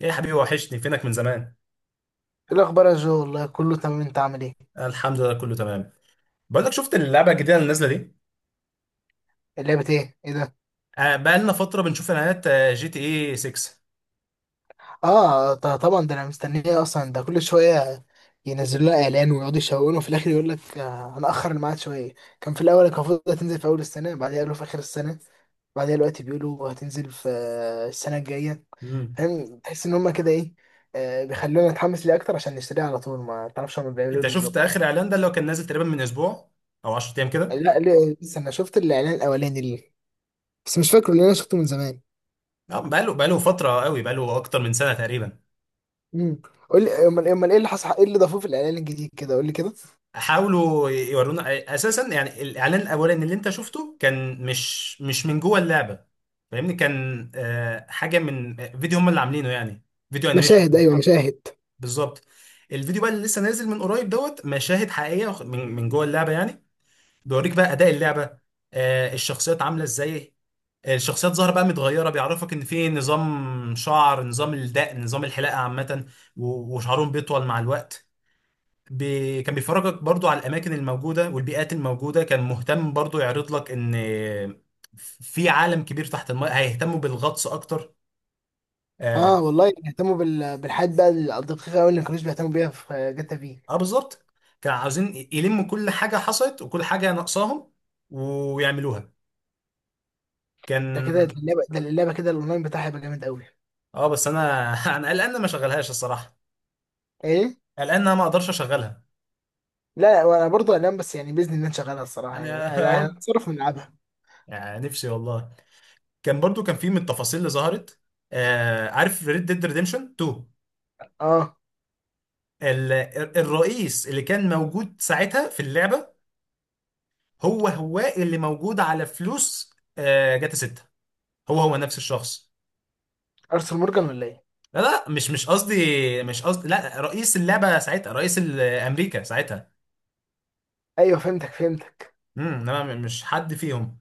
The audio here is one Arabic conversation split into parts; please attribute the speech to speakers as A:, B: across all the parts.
A: ايه يا حبيبي، وحشني. فينك من زمان؟
B: ايه الاخبار يا جو؟ والله كله تمام، انت عامل ايه؟
A: الحمد لله، كله تمام. بقول لك، شفت اللعبه الجديده اللي نازله دي؟
B: اللعبه ايه؟ ايه ده؟
A: آه، بقى لنا فتره بنشوف اعلانات، GTA 6.
B: اه، طبعا، ده انا مستنيه اصلا، ده كل شويه ينزلوا لنا اعلان ويقعدوا يشوقونا، وفي الاخر يقول لك هنأخر الميعاد شويه. كان في الاول المفروض هتنزل في اول السنه، بعدين قالوا في اخر السنه، بعدين دلوقتي بيقولوا هتنزل في السنه الجايه.
A: مم.
B: فاهم؟ تحس ان هما كده ايه، بيخلونا نتحمس ليه اكتر عشان نشتريه على طول، ما تعرفش هما بيعملوا ايه
A: انت شفت
B: بالظبط.
A: اخر اعلان ده؟ اللي هو كان نازل تقريبا من اسبوع او 10 ايام كده.
B: لا لسه انا شفت الاعلان الاولاني ليه، بس مش فاكره لان انا شفته من زمان.
A: بقى له فتره قوي، بقى له اكتر من سنه تقريبا.
B: امم. قول لي، امال ايه اللي حصل، ايه اللي ضافوه في الاعلان الجديد كده؟ قول لي كده.
A: حاولوا يورونا. اساسا يعني الاعلان الاولاني اللي انت شفته كان مش من جوه اللعبه، فاهمني؟ كان حاجه من فيديو هم اللي عاملينه، يعني فيديو انيميشن.
B: مشاهد، ايوه مشاهد.
A: بالظبط. الفيديو بقى اللي لسه نازل من قريب دوت، مشاهد حقيقيه، من جوه اللعبه يعني. بيوريك بقى اداء اللعبه، الشخصيات عامله ازاي. الشخصيات ظاهره بقى متغيره، بيعرفك ان في نظام شعر، نظام الدقن، نظام الحلاقه عامه. وشعرهم بيطول مع الوقت. كان بيفرجك برضو على الاماكن الموجوده والبيئات الموجوده. كان مهتم برضو يعرض لك ان، في عالم كبير تحت الماء، هيهتموا بالغطس اكتر. آه،
B: اه والله، يعني بيهتموا بالحاجات بقى الدقيقه قوي اللي ما كانوش بيهتموا بيها في جاتا في...
A: اه بالظبط. كانوا عاوزين يلموا كل حاجة حصلت وكل حاجة ناقصاهم، ويعملوها.
B: ده
A: كان،
B: كده اللعبه ده اللعبه كده الاونلاين بتاعها هيبقى جامد قوي.
A: اه بس انا انا قلقان إن ما اشغلهاش الصراحة.
B: ايه؟
A: قلقان ان انا ما اقدرش اشغلها.
B: لا لا، وانا برضه هنام، بس يعني باذن الله نشغلها الصراحه،
A: يعني
B: يعني
A: يا
B: أنا
A: رب.
B: هنتصرف ونلعبها.
A: يعني نفسي والله. كان برضو كان في من التفاصيل اللي ظهرت. عارف ريد ديد ريديمشن 2؟
B: اه.
A: ال- الرئيس اللي كان موجود ساعتها في اللعبة، هو هو اللي موجود على فلوس جاتا 6. هو هو نفس الشخص.
B: ارسل مورجان ولا ايه؟
A: لا، لا، مش قصدي. مش قصدي، لا رئيس اللعبة ساعتها، رئيس أمريكا ساعتها.
B: ايوه، فهمتك.
A: انما مش حد فيهم.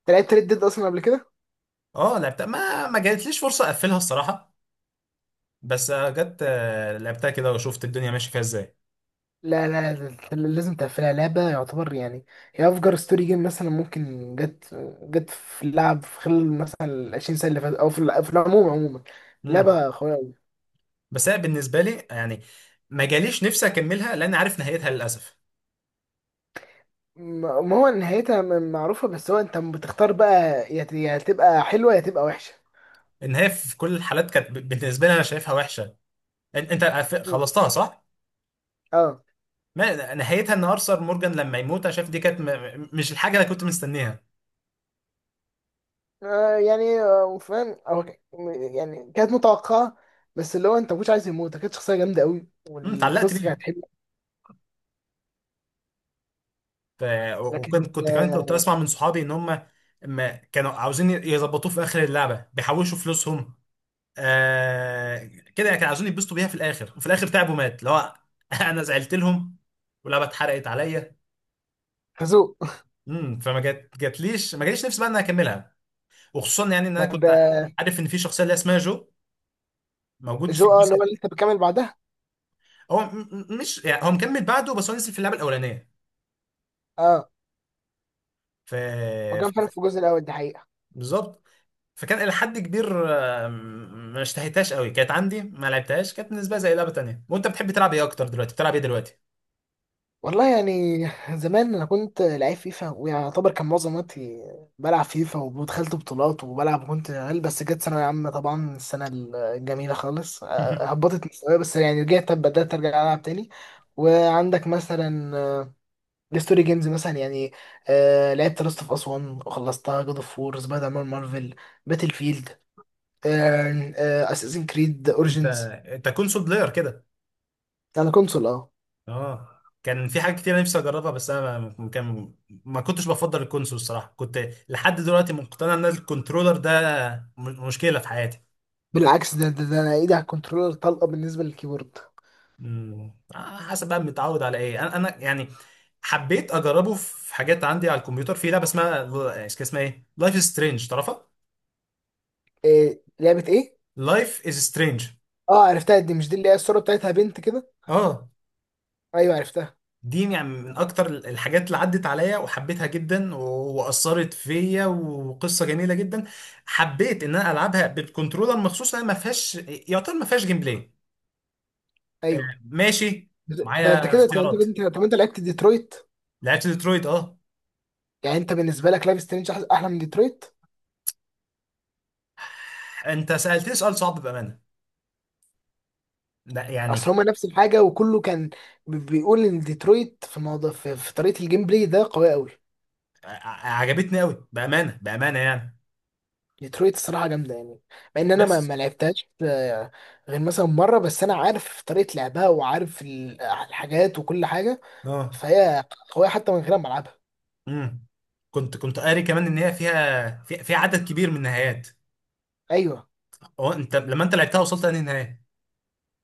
B: انت لعبت ريد ديد اصلا قبل كده؟
A: اه لعبتها، ما جاتليش فرصة اقفلها الصراحة. بس لعبتها كده وشفت الدنيا ماشية فيها ازاي.
B: لا لا لا، لازم تقفلها، لعبة يعتبر يعني. هي أفجر ستوري جيم مثلا، ممكن جت في اللعب في خلال مثلا 20 سنة اللي فاتت، أو في في العموم، عموما،
A: امم
B: لعبة قوية أوي.
A: بس هي بالنسبة لي يعني ما جاليش نفسي اكملها لان عارف نهايتها للاسف.
B: ما هو نهايتها معروفة، بس هو أنت بتختار بقى، يا يا تبقى حلوة يا تبقى وحشة.
A: النهاية في كل الحالات كانت، بالنسبة لي انا شايفها وحشة. انت
B: م.
A: خلصتها صح؟
B: أه.
A: ما نهايتها ان ارثر مورجان لما يموت. انا شايف دي كانت مش الحاجة اللي كنت مستنيها.
B: يعني فاهم أو يعني كانت متوقعة، بس اللي هو أنت مش عايز يموت، كانت شخصية جامدة أوي،
A: اتعلقت
B: والقصة كانت
A: بيه.
B: حلوة.
A: ف... وكنت
B: لكن
A: كنت كمان كنت اسمع من صحابي ان هم ما كانوا عاوزين يظبطوه في اخر اللعبه، بيحوشوا فلوسهم آه... كده، كانوا عاوزين يتبسطوا بيها في الاخر، وفي الاخر تعبوا، مات اللي هو انا زعلت لهم واللعبه اتحرقت عليا.
B: خازوق.
A: فما جاتليش، ما جاليش نفسي بقى ان انا اكملها. وخصوصا يعني ان انا كنت
B: ده
A: عارف ان في شخصيه اللي اسمها جو موجود في
B: جو، اللي
A: الجزء.
B: هو اللي أنت بتكمل بعدها.
A: هو مش يعني هو مكمل بعده، بس هو نزل في اللعبه الاولانيه.
B: آه.
A: ف... ف...
B: وكان فعلا في الجزء الاول، دي حقيقه.
A: بالظبط. فكان إلى حد كبير، ما اشتهيتهاش قوي. كانت عندي، ما لعبتهاش. كانت بالنسبة لي زي لعبة تانية. وأنت بتحب تلعب إيه أكتر؟ دلوقتي بتلعب إيه دلوقتي؟
B: والله يعني، زمان انا كنت لعيب فيفا، ويعتبر كان معظم وقتي بلعب فيفا، ودخلت بطولات وبلعب، وكنت عيل، بس جت ثانوية عامة طبعا السنة الجميلة خالص، هبطت مستواي، بس يعني رجعت، بدأت ارجع العب تاني. وعندك مثلا الستوري جيمز مثلا يعني، أه لعبت لاست اوف اس 1 وخلصتها، جود اوف وور، سبايدر مان مارفل، باتل فيلد، اساسن كريد
A: أنت
B: اوريجينز.
A: أنت كونسول بلاير كده؟
B: على كونسول اه.
A: أه. كان في حاجات كتير نفسي أجربها، بس أنا كان، ما كنتش بفضل الكونسول الصراحة. كنت لحد دلوقتي مقتنع إن الكنترولر ده مشكلة في حياتي.
B: بالعكس، ده انا ايدي على الكنترولر طلقه بالنسبه للكيبورد.
A: مم. حسب بقى متعود على إيه. أنا يعني حبيت اجربه في حاجات عندي على الكمبيوتر. في لعبه اسمها، كان اسمها ايه، لايف از سترينج، تعرفها؟
B: إيه؟ لعبه ايه؟
A: لايف از سترينج.
B: اه عرفتها، دي مش دي اللي هي الصوره بتاعتها بنت كده؟
A: اه،
B: ايوه عرفتها.
A: دي يعني من اكتر الحاجات اللي عدت عليا وحبيتها جدا واثرت فيا، وقصه جميله جدا. حبيت ان انا العبها بالكنترولر مخصوص. انا ما فيهاش، يعتبر ما فيهاش جيم بلاي. آه،
B: ايوه،
A: ماشي.
B: ده انت
A: معايا
B: كده، طب
A: اختيارات.
B: انت لعبت ديترويت؟
A: لعبت ديترويت اه.
B: يعني انت بالنسبه لك لايف سترينج احلى من ديترويت؟
A: انت سالتني سؤال صعب بامانه. لا يعني،
B: اصل هما نفس الحاجه، وكله كان بيقول ان ديترويت في الموضوع في طريقه الجيم بلاي ده قويه قوي.
A: عجبتني قوي بامانه، بامانه يعني.
B: ديترويت الصراحه جامده يعني، مع ان انا
A: بس
B: ما لعبتهاش غير مثلا مره، بس انا عارف طريقه لعبها وعارف الحاجات وكل حاجه.
A: اه.
B: فهي قوية حتى من غير ما ألعبها.
A: امم كنت قاري كمان ان هي فيها فيها عدد كبير من النهايات.
B: أيوه.
A: هو انت لما انت لعبتها وصلت لأنهي نهايه؟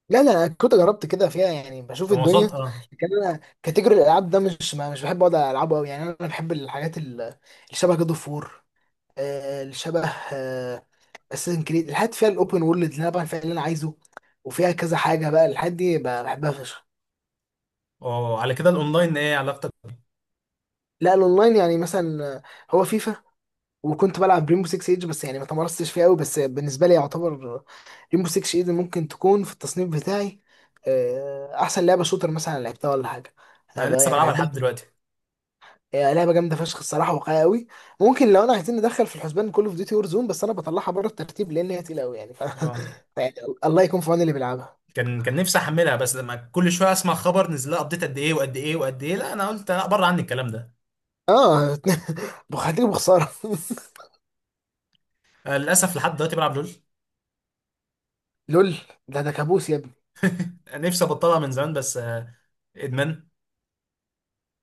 B: لا لا، أنا كنت جربت كده فيها يعني، بشوف
A: لما
B: الدنيا،
A: وصلت اه.
B: لكن أنا كاتيجوري الألعاب ده مش، ما مش بحب أقعد ألعبه أوي يعني، أنا بحب الحاجات اللي شبه جاد أوف وور، اللي شبه أساسن كريد، الحاجات فيها الأوبن وورلد اللي أنا بعمل فيها اللي أنا عايزه، وفيها كذا حاجة بقى، الحاجات دي بحبها فشخ.
A: اه، على كده الاونلاين ايه علاقتك بيه؟
B: لا، الأونلاين يعني مثلا هو فيفا، وكنت بلعب ريمبو 6 ايج، بس يعني ما تمرستش فيها قوي، بس بالنسبه لي يعتبر ريمبو 6 ايدن ممكن تكون في التصنيف بتاعي احسن لعبه شوتر مثلا لعبتها ولا حاجه. أنا
A: انا لسه
B: يعني
A: بلعبها
B: بحبها
A: لحد
B: جداً.
A: دلوقتي.
B: هي لعبه جامده فشخ الصراحه، واقعيه قوي. ممكن، لو انا عايزين ندخل في الحسبان كول اوف ديوتي وور زون، بس انا بطلعها بره الترتيب لان هي تقيله قوي يعني،
A: اه.
B: يعني الله يكون في عون اللي بيلعبها.
A: كان نفسي احملها، بس لما كل شويه اسمع خبر نزل لها ابديت قد ايه، وقد ايه، وقد ايه، لا انا قلت لا، بره عني الكلام ده.
B: اه بخاطر بخساره.
A: للاسف لحد دلوقتي بلعب لول.
B: لول، ده كابوس يا ابني.
A: نفسي ابطلها من زمان، بس ادمان.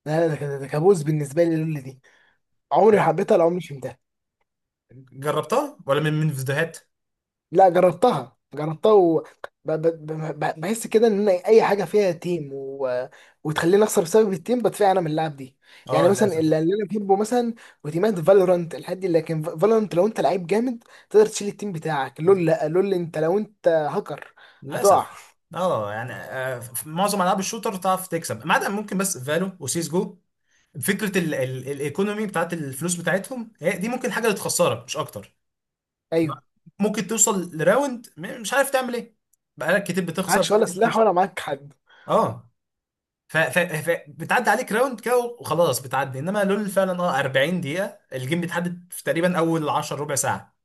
B: لا لا، ده كابوس بالنسبه لي لول دي، عمري ما
A: آه،
B: حبيتها ولا عمري فهمتها.
A: جربتها ولا من فيديوهات؟
B: لا جربتها جربتها و ب- ب- ب- ب- بحس كده ان أنا اي حاجه فيها تيم وتخليني اخسر بسبب التيم، بدفع انا من اللعب دي. يعني
A: اه
B: مثلا
A: للاسف.
B: اللي انا بحبه مثلا، وتيمات فالورانت الحد دي، لكن فالورانت لو انت لعيب جامد تقدر تشيل التيم بتاعك، لول، لا لول، لو انت هاكر هتقع.
A: للاسف. اه يعني، في معظم العاب الشوتر تعرف تكسب ما عدا ممكن بس فالو وسيس جو. فكره ال الايكونومي بتاعت الفلوس بتاعتهم هي دي، ممكن حاجه اللي تخسرك مش اكتر. لا.
B: ايوه،
A: ممكن توصل لراوند، مش عارف تعمل ايه. بقالك كتير بتخسر
B: معكش ولا
A: كتير
B: سلاح ولا معاك حد.
A: اه بتعدي عليك راوند كده وخلاص، بتعدي. انما لول فعلا اه 40 دقيقة، الجيم بيتحدد في تقريبا اول 10 ربع ساعة،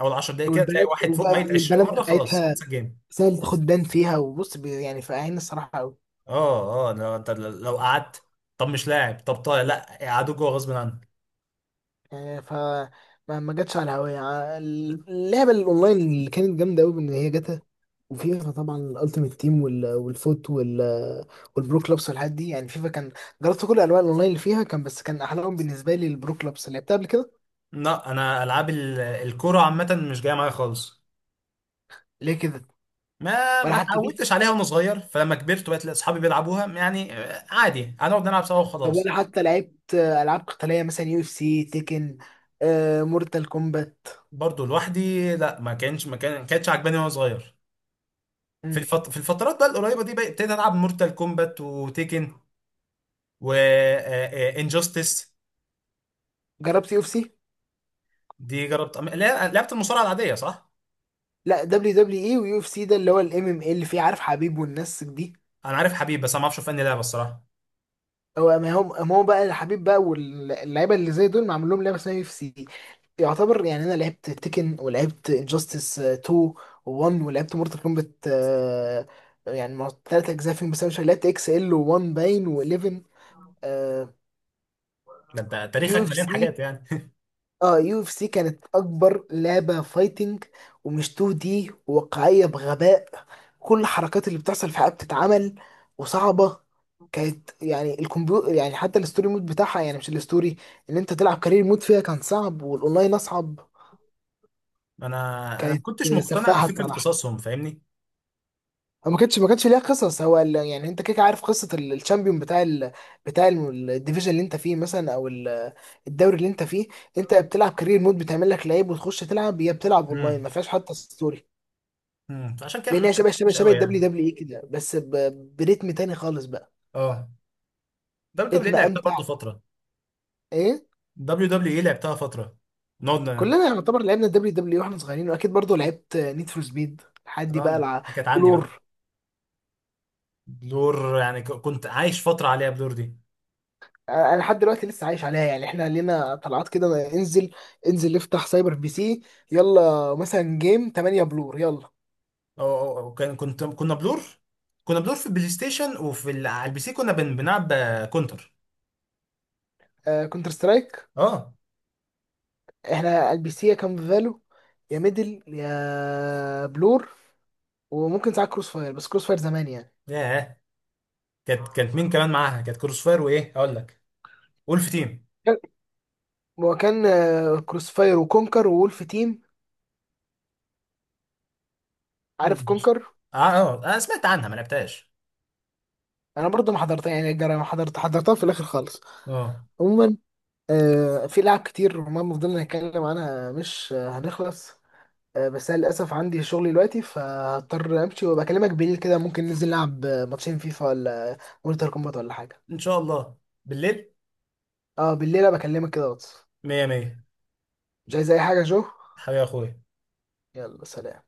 A: اول 10 دقايق كده تلاقي
B: والبنات،
A: واحد فوق
B: وبقى
A: ميت 20
B: والبنات
A: مرة، خلاص
B: بتاعتها
A: خلص الجيم.
B: سهل تاخد بان فيها، وبص يعني فاهمين الصراحه قوي.
A: اه، اه، لو انت لو قعدت، طب مش لاعب، طب طيب، لا قعدوا جوه غصب عنك.
B: يعني ف، ما جاتش على هواية اللعبة الأونلاين اللي كانت جامدة أوي، بإن هي جاتا، وفيفا طبعا الألتيميت تيم والفوت، والبرو كلوبس والحاجات دي، يعني فيفا كان، جربت كل أنواع الأونلاين اللي فيها كان، بس كان أحلاهم بالنسبة لي البرو كلوبس، لعبتها قبل كده.
A: لا، انا العاب الكرة عامة مش جاية معايا خالص.
B: ليه كده؟
A: ما
B: ولا
A: ما
B: حتى بيس؟
A: اتعودتش عليها وانا صغير، فلما كبرت وبقت اصحابي بيلعبوها يعني، عادي هنقعد نلعب سوا
B: طب ولا
A: وخلاص.
B: حتى لعبت ألعاب قتالية مثلا، يو اف سي، تيكن، مورتال كومبات؟
A: برضو لوحدي لا، ما كانتش عجباني وانا صغير.
B: مم.
A: في الفترات بقى القريبه دي بقى، ابتديت العب مورتال كومبات وتيكن وانجستس.
B: جربت يو اف سي؟
A: دي جربت لا، لعبت المصارعه العاديه صح.
B: لا، دبليو دبليو اي ويو اف سي، ده اللي هو الام ام اي اللي فيه عارف حبيب والناس دي.
A: انا عارف حبيب، بس انا ما اعرفش في انهي لعبه الصراحه.
B: هو ما هو بقى الحبيب بقى، واللعيبه اللي زي دول معمول لهم لعبه اسمها يو سي. يعتبر يعني انا لعبت تيكن، ولعبت انجاستس 2 و1، ولعبت مورتال كومبات، يعني ثلاث اجزاء فيهم، بس انا مش لعبت اكس ال و1 باين و11.
A: ده انت
B: يو
A: تاريخك
B: اف
A: مليان
B: سي،
A: حاجات يعني.
B: اه يو اف سي كانت اكبر لعبه فايتنج، ومش 2 دي، وواقعيه بغباء. كل الحركات اللي بتحصل في حياتها بتتعمل، وصعبه. كانت يعني، الكمبيوتر يعني، حتى الستوري مود بتاعها، يعني مش الستوري ان انت تلعب كارير مود فيها، كان صعب، والاونلاين اصعب،
A: انا انا ما
B: كانت
A: كنتش مقتنع
B: سفاحه
A: بفكره
B: الصراحه.
A: قصصهم فاهمني.
B: ما كانتش ليها قصص، هو يعني انت كده كده عارف قصه الشامبيون بتاع الديفيجن اللي انت فيه مثلا، او الدوري اللي انت فيه. انت بتلعب كارير مود، بتعمل لك لعيب وتخش تلعب، هي بتلعب اونلاين ما
A: امم
B: فيهاش حتى ستوري.
A: امم فعشان كده
B: لان هي
A: مش
B: شبه شبه
A: مش
B: شبه
A: قوي
B: الدبليو
A: يعني.
B: دبليو اي كده، بس بريتم تاني خالص بقى.
A: اه. WWE
B: ريتم
A: لعبتها
B: امتع.
A: برضه فتره.
B: ايه؟
A: WWE لعبتها فترة. نقعد
B: كلنا يعتبر لعبنا الدبليو دبليو اي واحنا صغيرين، واكيد برضو لعبت نيد فور سبيد لحد بقى
A: آه، دي كانت عندي بقى.
B: بلور.
A: بلور يعني كنت عايش فترة عليها، بلور دي.
B: انا لحد دلوقتي لسه عايش عليها يعني، احنا لينا طلعات كده، ما انزل، انزل نفتح سايبر بي سي، يلا مثلا جيم 8 بلور، يلا.
A: أو أو- أو كان كنت، كنا بلور. كنا بلور في البلاي ستيشن، وفي على البي سي كنا بنلعب كونتر.
B: آه كونتر سترايك.
A: اه.
B: احنا البي سي يا كام فالو، يا ميدل يا بلور، وممكن ساعات كروس فاير، بس كروس فاير زمان يعني.
A: ياه. كانت مين كمان معاها؟ كانت كروس فاير، وايه اقول لك، وولف تيم.
B: كان- هو كان كروس فاير وكونكر وولف تيم، عارف
A: مم.
B: كونكر؟
A: اه، اه، انا سمعت عنها ما لعبتهاش.
B: انا برضو ما حضرتها يعني، ما حضرتها في الاخر خالص.
A: اه.
B: عموما في لعب كتير وما فضلنا نتكلم عنها، مش هنخلص. بس انا للاسف عندي شغل دلوقتي، فهضطر امشي، وبكلمك بالليل كده، ممكن ننزل نلعب ماتشين فيفا، ولا مورتال كومبات، ولا حاجه.
A: ان شاء الله. بالليل.
B: اه بالليل، بكلمك كده واتس.
A: مية مية.
B: مش عايز اي حاجه يا جو.
A: حبيبي يا اخويا.
B: يلا سلام.